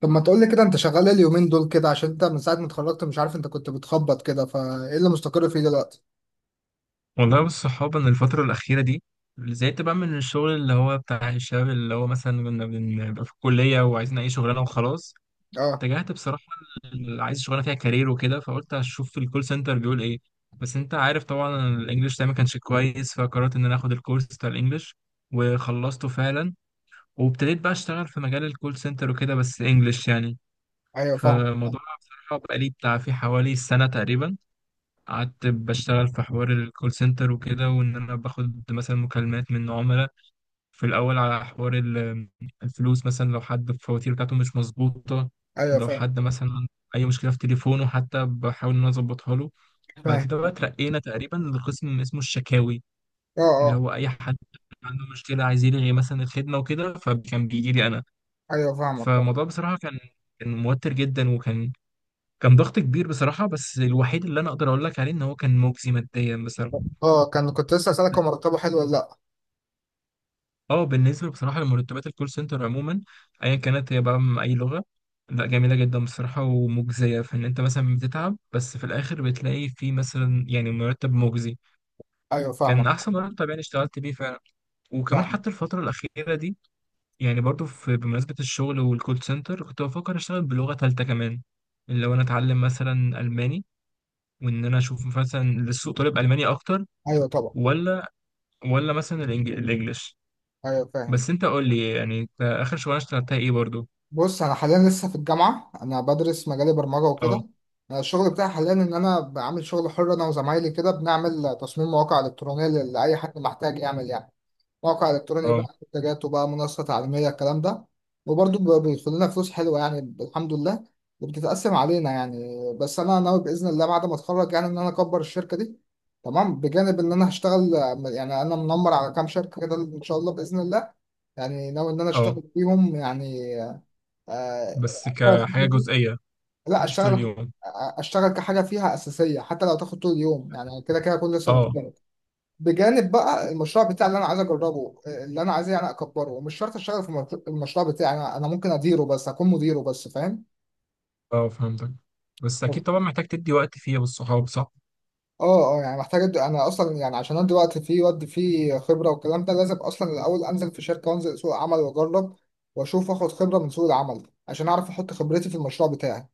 طب ما تقولي كده، انت شغال ايه اليومين دول كده؟ عشان انت من ساعة ما اتخرجت مش عارف انت كنت بتخبط كده، فايه اللي مستقر فيه دلوقتي؟ والله والصحاب أنا الفترة الأخيرة دي زهقت بقى من الشغل اللي هو بتاع الشباب، اللي هو مثلا كنا بنبقى في الكلية وعايزين أي شغلانة وخلاص. اه، اتجهت بصراحة عايز شغلانة فيها كارير وكده، فقلت أشوف الكول سنتر بيقول إيه. بس أنت عارف طبعا الإنجليش ده ما كانش كويس، فقررت إن أنا آخد الكورس بتاع الإنجليش وخلصته فعلا، وابتديت بقى أشتغل في مجال الكول سنتر وكده بس إنجليش يعني. ايوه فاهم. فالموضوع بصراحة بقى لي بتاع في حوالي سنة تقريبا، قعدت بشتغل في حوار الكول سنتر وكده، وان انا باخد مثلا مكالمات من عملاء في الاول على حوار الفلوس، مثلا لو حد الفواتير بتاعته مش مظبوطه، ايوه لو فاهم حد مثلا عنده اي مشكله في تليفونه، حتى بحاول ان انا اظبطها له. بعد فاهم. كده بقى اترقينا تقريبا لقسم اسمه الشكاوي، اه اللي اه. هو اي حد عنده مشكله عايز يلغي مثلا الخدمه وكده، فكان بيجي لي انا. ايوه فاهمك فاهم. فالموضوع بصراحه كان، كان موتر جدا، وكان ضغط كبير بصراحه، بس الوحيد اللي انا اقدر اقول لك عليه ان هو كان مجزي ماديا بصراحه. اه، كنت لسه اسألك، هو مرتبه حلو ولا لا؟ اه، بالنسبة بصراحة لمرتبات الكول سنتر عموما، ايا كانت هي بقى من اي لغة، لا جميلة جدا بصراحة ومجزية في ان انت مثلا بتتعب بس في الاخر بتلاقي في مثلا يعني مرتب مجزي. ايوه كان فاهمك احسن مرتب يعني اشتغلت بيه فعلا. وكمان فاهم. حتى الفترة الاخيرة دي يعني برضو في بمناسبة الشغل والكول سنتر، كنت بفكر اشتغل بلغة تالتة كمان، اللي هو انا اتعلم مثلا الماني، وان انا اشوف مثلا للسوق طالب الماني اكتر ايوه طبعا. ولا ولا مثلا الانجليش. ايوه فاهم. بس انت قول لي يعني انت اخر شغلانة اشتغلتها ايه برضو. بص، انا حاليا لسه في الجامعة، انا بدرس مجال برمجة اه وكده. أنا الشغل بتاعي حاليا ان انا بعمل شغل حر، انا وزمايلي كده بنعمل تصميم مواقع الكترونية لاي حد محتاج يعمل يعني موقع الكتروني، اه بقى منتجات وبقى منصه تعليميه، الكلام ده. وبرضه بيدخل لنا فلوس حلوه يعني الحمد لله، وبتتقسم علينا يعني. بس انا ناوي باذن الله بعد ما اتخرج يعني ان انا اكبر الشركه دي. تمام، بجانب ان انا هشتغل، يعني انا منمر على كام شركه كده ان شاء الله باذن الله، يعني ناوي ان انا اه، اشتغل فيهم يعني. آه، بس كحاجة جزئية، لا، مش طول اشتغل. اليوم. اشتغل كحاجه فيها اساسيه، حتى لو تاخد طول اليوم، يعني كده كده اكون لسه اه متخرج. بجانب بقى المشروع بتاعي اللي انا عايز اجربه، اللي انا عايز يعني اكبره، ومش شرط اشتغل في المشروع. المشروع بتاعي انا ممكن اديره، بس اكون مديره بس، فاهم. اه فهمتك، بس اكيد طبعا محتاج تدي وقت فيها بالصحاب صح. اه اه، يعني محتاج انا اصلا يعني عشان ادي وقت فيه وادي فيه خبره والكلام ده، لازم اصلا الاول انزل في شركه وانزل سوق عمل واجرب، واشوف اخد خبره من سوق العمل عشان اعرف احط خبرتي في المشروع بتاعي.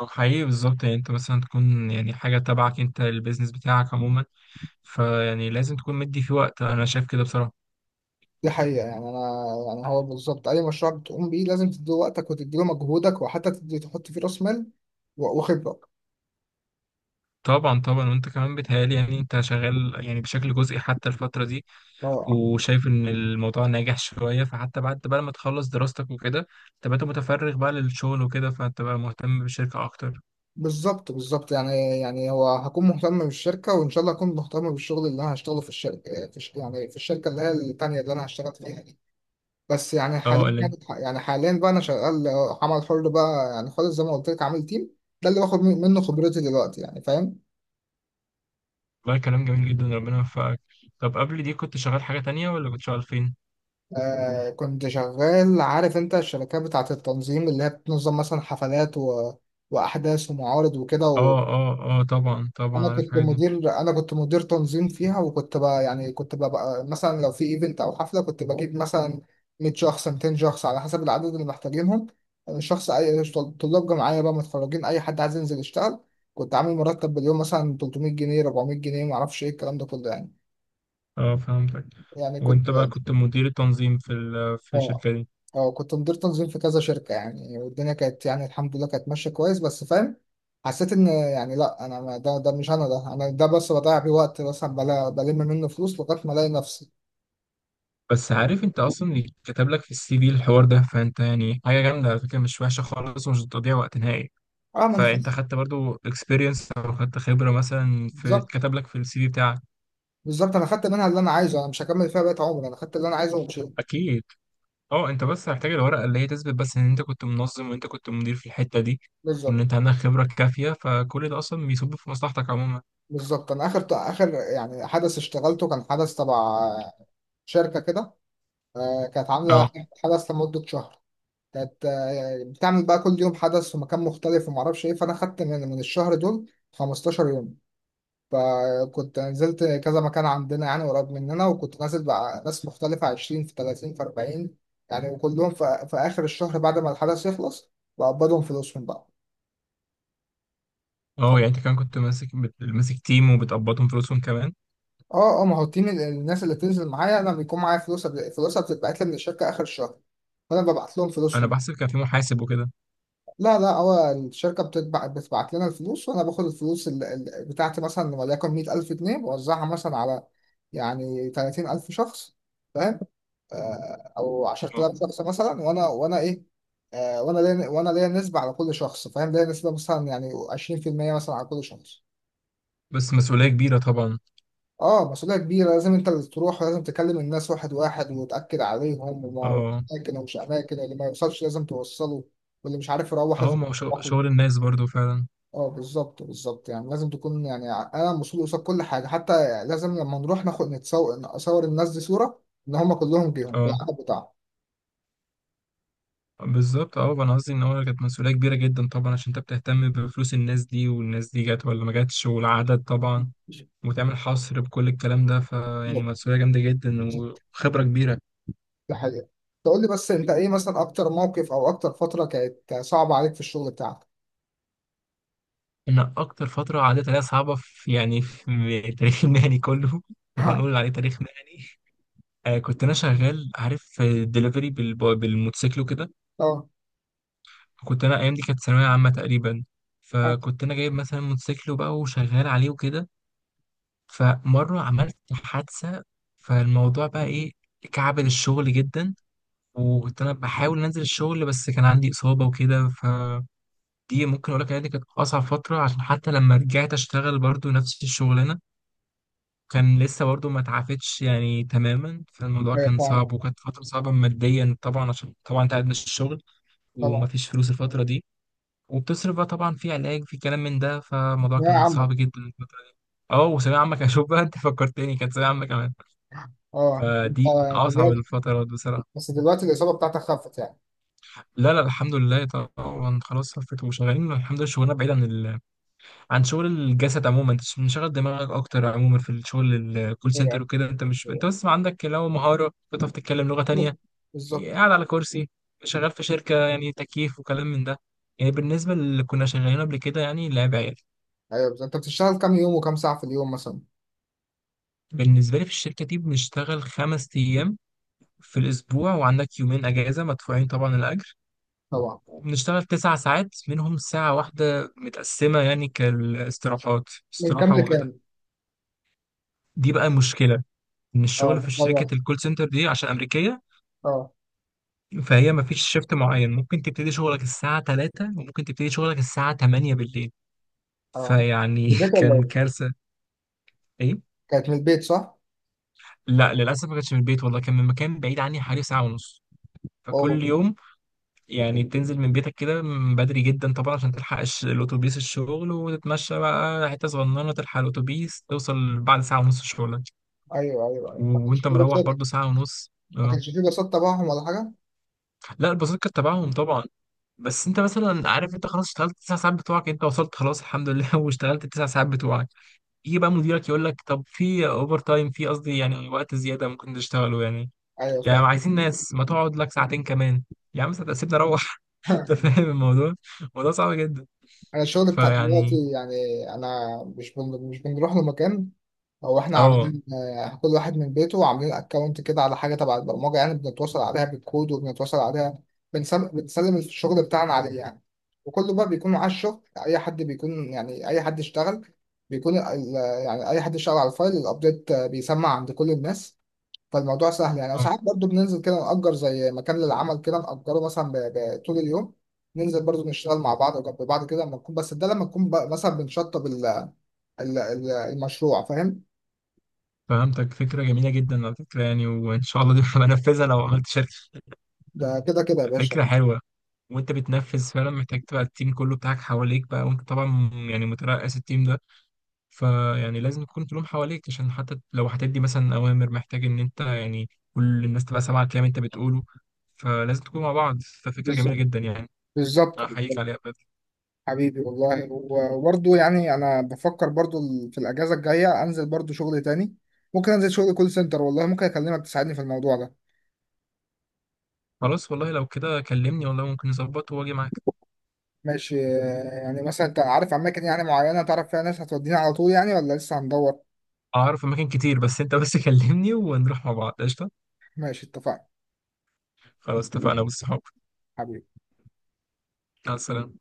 او حقيقي بالظبط، يعني انت مثلا تكون يعني حاجة تبعك انت، البيزنس بتاعك عموما، فيعني لازم تكون مدي فيه وقت، انا شايف كده بصراحة. دي حقيقه يعني. انا يعني هو بالظبط اي مشروع بتقوم بيه لازم تدي وقتك وتدي له مجهودك، وحتى تدي تحط فيه راس مال وخبره. طبعا طبعا، وانت كمان بيتهيألي يعني انت شغال يعني بشكل جزئي حتى الفترة دي، اه، آه. وشايف ان الموضوع ناجح شوية، فحتى بعد بقى ما تخلص دراستك وكده تبقى انت متفرغ بقى للشغل وكده، فانت بقى مهتم بالشركة اكتر. بالظبط بالظبط، يعني هو هكون مهتم بالشركة، وإن شاء الله هكون مهتم بالشغل اللي أنا هشتغله في الشركة، يعني في الشركة اللي هي التانية اللي أنا هشتغل فيها دي. بس يعني اه، حاليا، يعني حاليا بقى أنا شغال عمل حر بقى، يعني خالص زي ما قلت لك، عامل تيم، ده اللي باخد منه خبرتي دلوقتي يعني، فاهم. والله كلام جميل جدا، ربنا يوفقك. طب قبل دي كنت شغال حاجة تانية، ولا كنت شغال فين؟ آه كنت شغال، عارف أنت الشركات بتاعة التنظيم اللي هي بتنظم مثلا حفلات وأحداث ومعارض وكده. اه اه اه طبعا طبعا انا عارف كنت الحاجة دي. مدير انا كنت مدير تنظيم فيها، وكنت بقى يعني كنت بقى مثلا، لو في ايفنت او حفله كنت بجيب مثلا 100 شخص، 200 شخص، على حسب العدد اللي محتاجينهم. شخص اي، طلاب جامعيه بقى، متخرجين، اي حد عايز ينزل يشتغل. كنت عامل مرتب باليوم مثلا 300 جنيه، 400 جنيه، ما اعرفش ايه الكلام ده كله يعني. اه فهمتك، يعني كنت، وانت بقى كنت مدير التنظيم في في اه الشركة دي. اه كنت مدير تنظيم في كذا شركة يعني، والدنيا كانت يعني الحمد لله كانت ماشية كويس، بس فاهم، حسيت ان يعني لا، انا ده مش انا، ده انا، ده بس بضيع بيه وقت مثلا، بلم منه فلوس لغاية ما الاقي نفسي. بس عارف انت اصلا اللي كتب لك في السي في الحوار ده، فانت يعني حاجة جامدة على فكرة، مش وحشة خالص ومش بتضيع وقت نهائي. اه، ما انا فانت خلاص. خدت برضو اكسبيرينس او خدت خبرة مثلا في بالظبط كتب لك في السي في بتاعك. بالظبط، انا خدت منها اللي انا عايزه، انا مش هكمل فيها بقية عمري، انا خدت اللي انا عايزه ومشيت. اكيد. اه انت بس هتحتاج الورقه اللي هي تثبت بس ان انت كنت منظم وانت كنت مدير في الحته دي، وان بالظبط انت عندك خبره كافيه، فكل ده اصلا بيصب في مصلحتك عموما. بالظبط. انا اخر اخر يعني حدث اشتغلته كان حدث تبع شركة كده. آه، كانت عاملة اه حدث لمدة شهر، كانت بتعمل بقى كل يوم حدث في مكان مختلف، وما اعرفش ايه، فانا خدت من الشهر دول 15 يوم. فكنت نزلت كذا مكان عندنا يعني قريب مننا، وكنت نازل مع ناس مختلفة، 20 في 30 في 40 يعني، وكلهم في اخر الشهر بعد ما الحدث يخلص بقبضهم فلوسهم بقى. اه، يعني انت كان كنت ماسك تيم وبتقبضهم فلوسهم كمان. اه اه، ما هو التيم، الناس اللي بتنزل معايا انا بيكون معايا فلوس، فلوسها بتتبعت لي من الشركة اخر الشهر، فانا ببعت لهم انا فلوسهم. بحسب كان في محاسب وكده. لا لا، هو الشركة بتبعت لنا الفلوس، وأنا باخد الفلوس بتاعتي، مثلا وليكن 100,000 جنيه، بوزعها مثلا على يعني 30,000 شخص، فاهم، آه، أو عشرة اه آلاف شخص مثلا، وأنا إيه، آه، وأنا ليا نسبة على كل شخص، فاهم، ليا نسبة مثلا يعني 20% مثلا على كل شخص. بس مسؤوليه كبيره طبعا. اه، مسؤولية كبيرة، لازم انت اللي تروح، ولازم تكلم الناس واحد واحد وتأكد عليهم اه وأماكن ومش أماكن، اللي ما يوصلش لازم توصله، واللي مش عارف يروح اه، لازم ما هو يروح. شغل الناس برضو فعلا. اه بالظبط بالظبط، يعني لازم تكون يعني انا مسؤول قصاد كل حاجه، حتى لازم لما نروح ناخد نصور الناس دي صوره ان هم كلهم جيهم اه بالعدد بتاعهم. بالظبط، اه انا قصدي ان هو كانت مسؤوليه كبيره جدا طبعا، عشان انت بتهتم بفلوس الناس دي، والناس دي جت ولا ما جاتش، والعدد طبعا، وتعمل حصر بكل الكلام ده، فيعني بالظبط مسؤولية جامدة جدا بالظبط، وخبرة كبيرة. ده حقيقه. تقول لي بس انت ايه مثلا اكتر موقف او اكتر فتره كانت صعبه عليك في الشغل بتاعك؟ أنا أكتر فترة عدت عليها صعبة في يعني في التاريخ المهني كله لو ها، هنقول عليه تاريخ مهني. آه، كنت أنا شغال عارف في الدليفري بالموتوسيكل وكده. طبعا. كنت أنا أيام دي كانت ثانوية عامة تقريبا، اه، فكنت أنا جايب مثلا موتوسيكل وبقى وشغال عليه وكده. فمرة عملت حادثة، فالموضوع بقى إيه، كعبل الشغل جدا، وكنت أنا بحاول أنزل الشغل بس كان عندي إصابة وكده. دي ممكن اقول لك ان دي كانت اصعب فتره، عشان حتى لما رجعت اشتغل برضو نفس الشغلانه كان لسه برضو ما اتعافتش يعني تماما. فالموضوع ايوه كان طبعا صعب، وكانت فتره صعبه ماديا طبعا، عشان طبعا انت قاعد مش الشغل وما طبعا. فيش فلوس الفتره دي، وبتصرف بقى طبعا في علاج في كلام من ده، فالموضوع يا كان عم. صعب جدا الفترة دي. اه، وثانوية عامة كان، شوف بقى انت فكرتني كانت ثانوية عامة كمان، اه انت. فدي من اصعب دلوقتي. الفترات بصراحة. بس دلوقتي الاصابه بتاعتك خفت يعني؟ لا لا الحمد لله طبعا، خلاص صفت وشغالين الحمد لله. شغلنا بعيد عن عن شغل الجسد عموما، انت مش مشغل دماغك اكتر عموما في الشغل الكول ايوه سنتر وكده، انت مش انت ايوه. بس عندك لو مهاره بتعرف تتكلم لغه تانية، بالظبط بالظبط. قاعد على كرسي، شغال في شركه يعني تكييف وكلام من ده. يعني بالنسبه اللي كنا شغالين قبل كده يعني لعب عيال. ايوه بالظبط. انت بتشتغل كام يوم وكام ساعه في اليوم مثلا؟ بالنسبه لي في الشركه دي بنشتغل خمس ايام في الاسبوع، وعندك يومين اجازه مدفوعين طبعا الاجر. طبعا. وبنشتغل تسع ساعات منهم ساعه واحده متقسمه يعني كالاستراحات، من كام استراحه لكام؟ واحده. دي بقى مشكله ان اه الشغل في متغير. شركه الكول سنتر دي عشان امريكيه، اه فهي ما فيش شيفت معين. ممكن تبتدي شغلك الساعه 3 وممكن تبتدي شغلك الساعه 8 بالليل، اه. فيعني من البيت ولا كان ايه؟ كارثه. ايه. كانت من البيت صح؟ لا للاسف ما كانش من البيت والله، كان من مكان بعيد عني حوالي ساعه ونص. اوه. فكل يوم يعني بتنزل من بيتك كده من بدري جدا طبعا، عشان تلحق الاتوبيس الشغل، وتتمشى بقى حته صغننه تلحق الاتوبيس، توصل بعد ساعه ونص شغلك، ايوه ايوه ايوه، ما كانش وانت فيه مروح لصات. برضو ساعه ونص. ما اه. كانش فيه لصات تبعهم ولا حاجه؟ لا البساطة كانت تبعهم طبعا، بس انت مثلا عارف انت خلاص اشتغلت التسع ساعات بتوعك، انت وصلت خلاص الحمد لله واشتغلت التسع ساعات بتوعك، يجي بقى مديرك يقول لك طب في اوفر تايم، في قصدي يعني وقت زياده ممكن تشتغله يعني، ايوه فاهم. يعني عايزين ناس، ما تقعد لك ساعتين كمان. يا عم ساعتين سيبني اروح. انت فاهم الموضوع، الموضوع صعب جدا انا الشغل بتاع فيعني. دلوقتي يعني، انا مش بنروح لمكان. هو احنا اه عاملين كل واحد من بيته، وعاملين اكونت كده على حاجه تبع البرمجه يعني بنتواصل عليها بالكود وبنتواصل عليها، بنسلم الشغل بتاعنا عليه يعني، وكله بقى بيكون معاه الشغل. اي حد بيكون يعني، اي حد اشتغل بيكون يعني اي حد اشتغل على الفايل الابديت بيسمع عند كل الناس، فالموضوع سهل يعني. اه وساعات برضو بننزل كده نأجر زي مكان للعمل كده، نأجره مثلا طول اليوم، ننزل برضو نشتغل مع بعض وجنب بعض كده، لما نكون، بس ده لما نكون بقى مثلا بنشطب المشروع فاهم. فهمتك، فكره جميله جدا على فكره يعني، وان شاء الله دي بنفذها لو عملت شركه. ده كده كده يا باشا. فكره حلوه، وانت بتنفذ فعلا محتاج تبقى التيم كله بتاعك حواليك بقى، وانت طبعا يعني مترأس التيم ده، فيعني لازم يكون كلهم حواليك، عشان حتى لو هتدي مثلا أوامر محتاج إن أنت يعني كل الناس تبقى سامعة الكلام أنت بتقوله، فلازم تكون مع بعض، ففكرة جميلة بالظبط جدا يعني. بالظبط أحييك بالظبط. عليها بجد. حبيبي والله، وبرضه يعني انا بفكر برضه في الاجازه الجايه انزل برضه شغل تاني، ممكن انزل شغل كول سنتر والله، ممكن اكلمك تساعدني في الموضوع ده. خلاص والله لو كده كلمني، والله ممكن نظبط وأجي معاك. ماشي، يعني مثلا انت عارف اماكن يعني معينه تعرف فيها ناس هتودينا على طول يعني، ولا لسه هندور؟ أعرف أماكن كتير، بس أنت بس كلمني ونروح مع بعض قشطة. ماشي اتفقنا. خلاص اتفقنا بالصحاب. حبيبي. مع السلامة.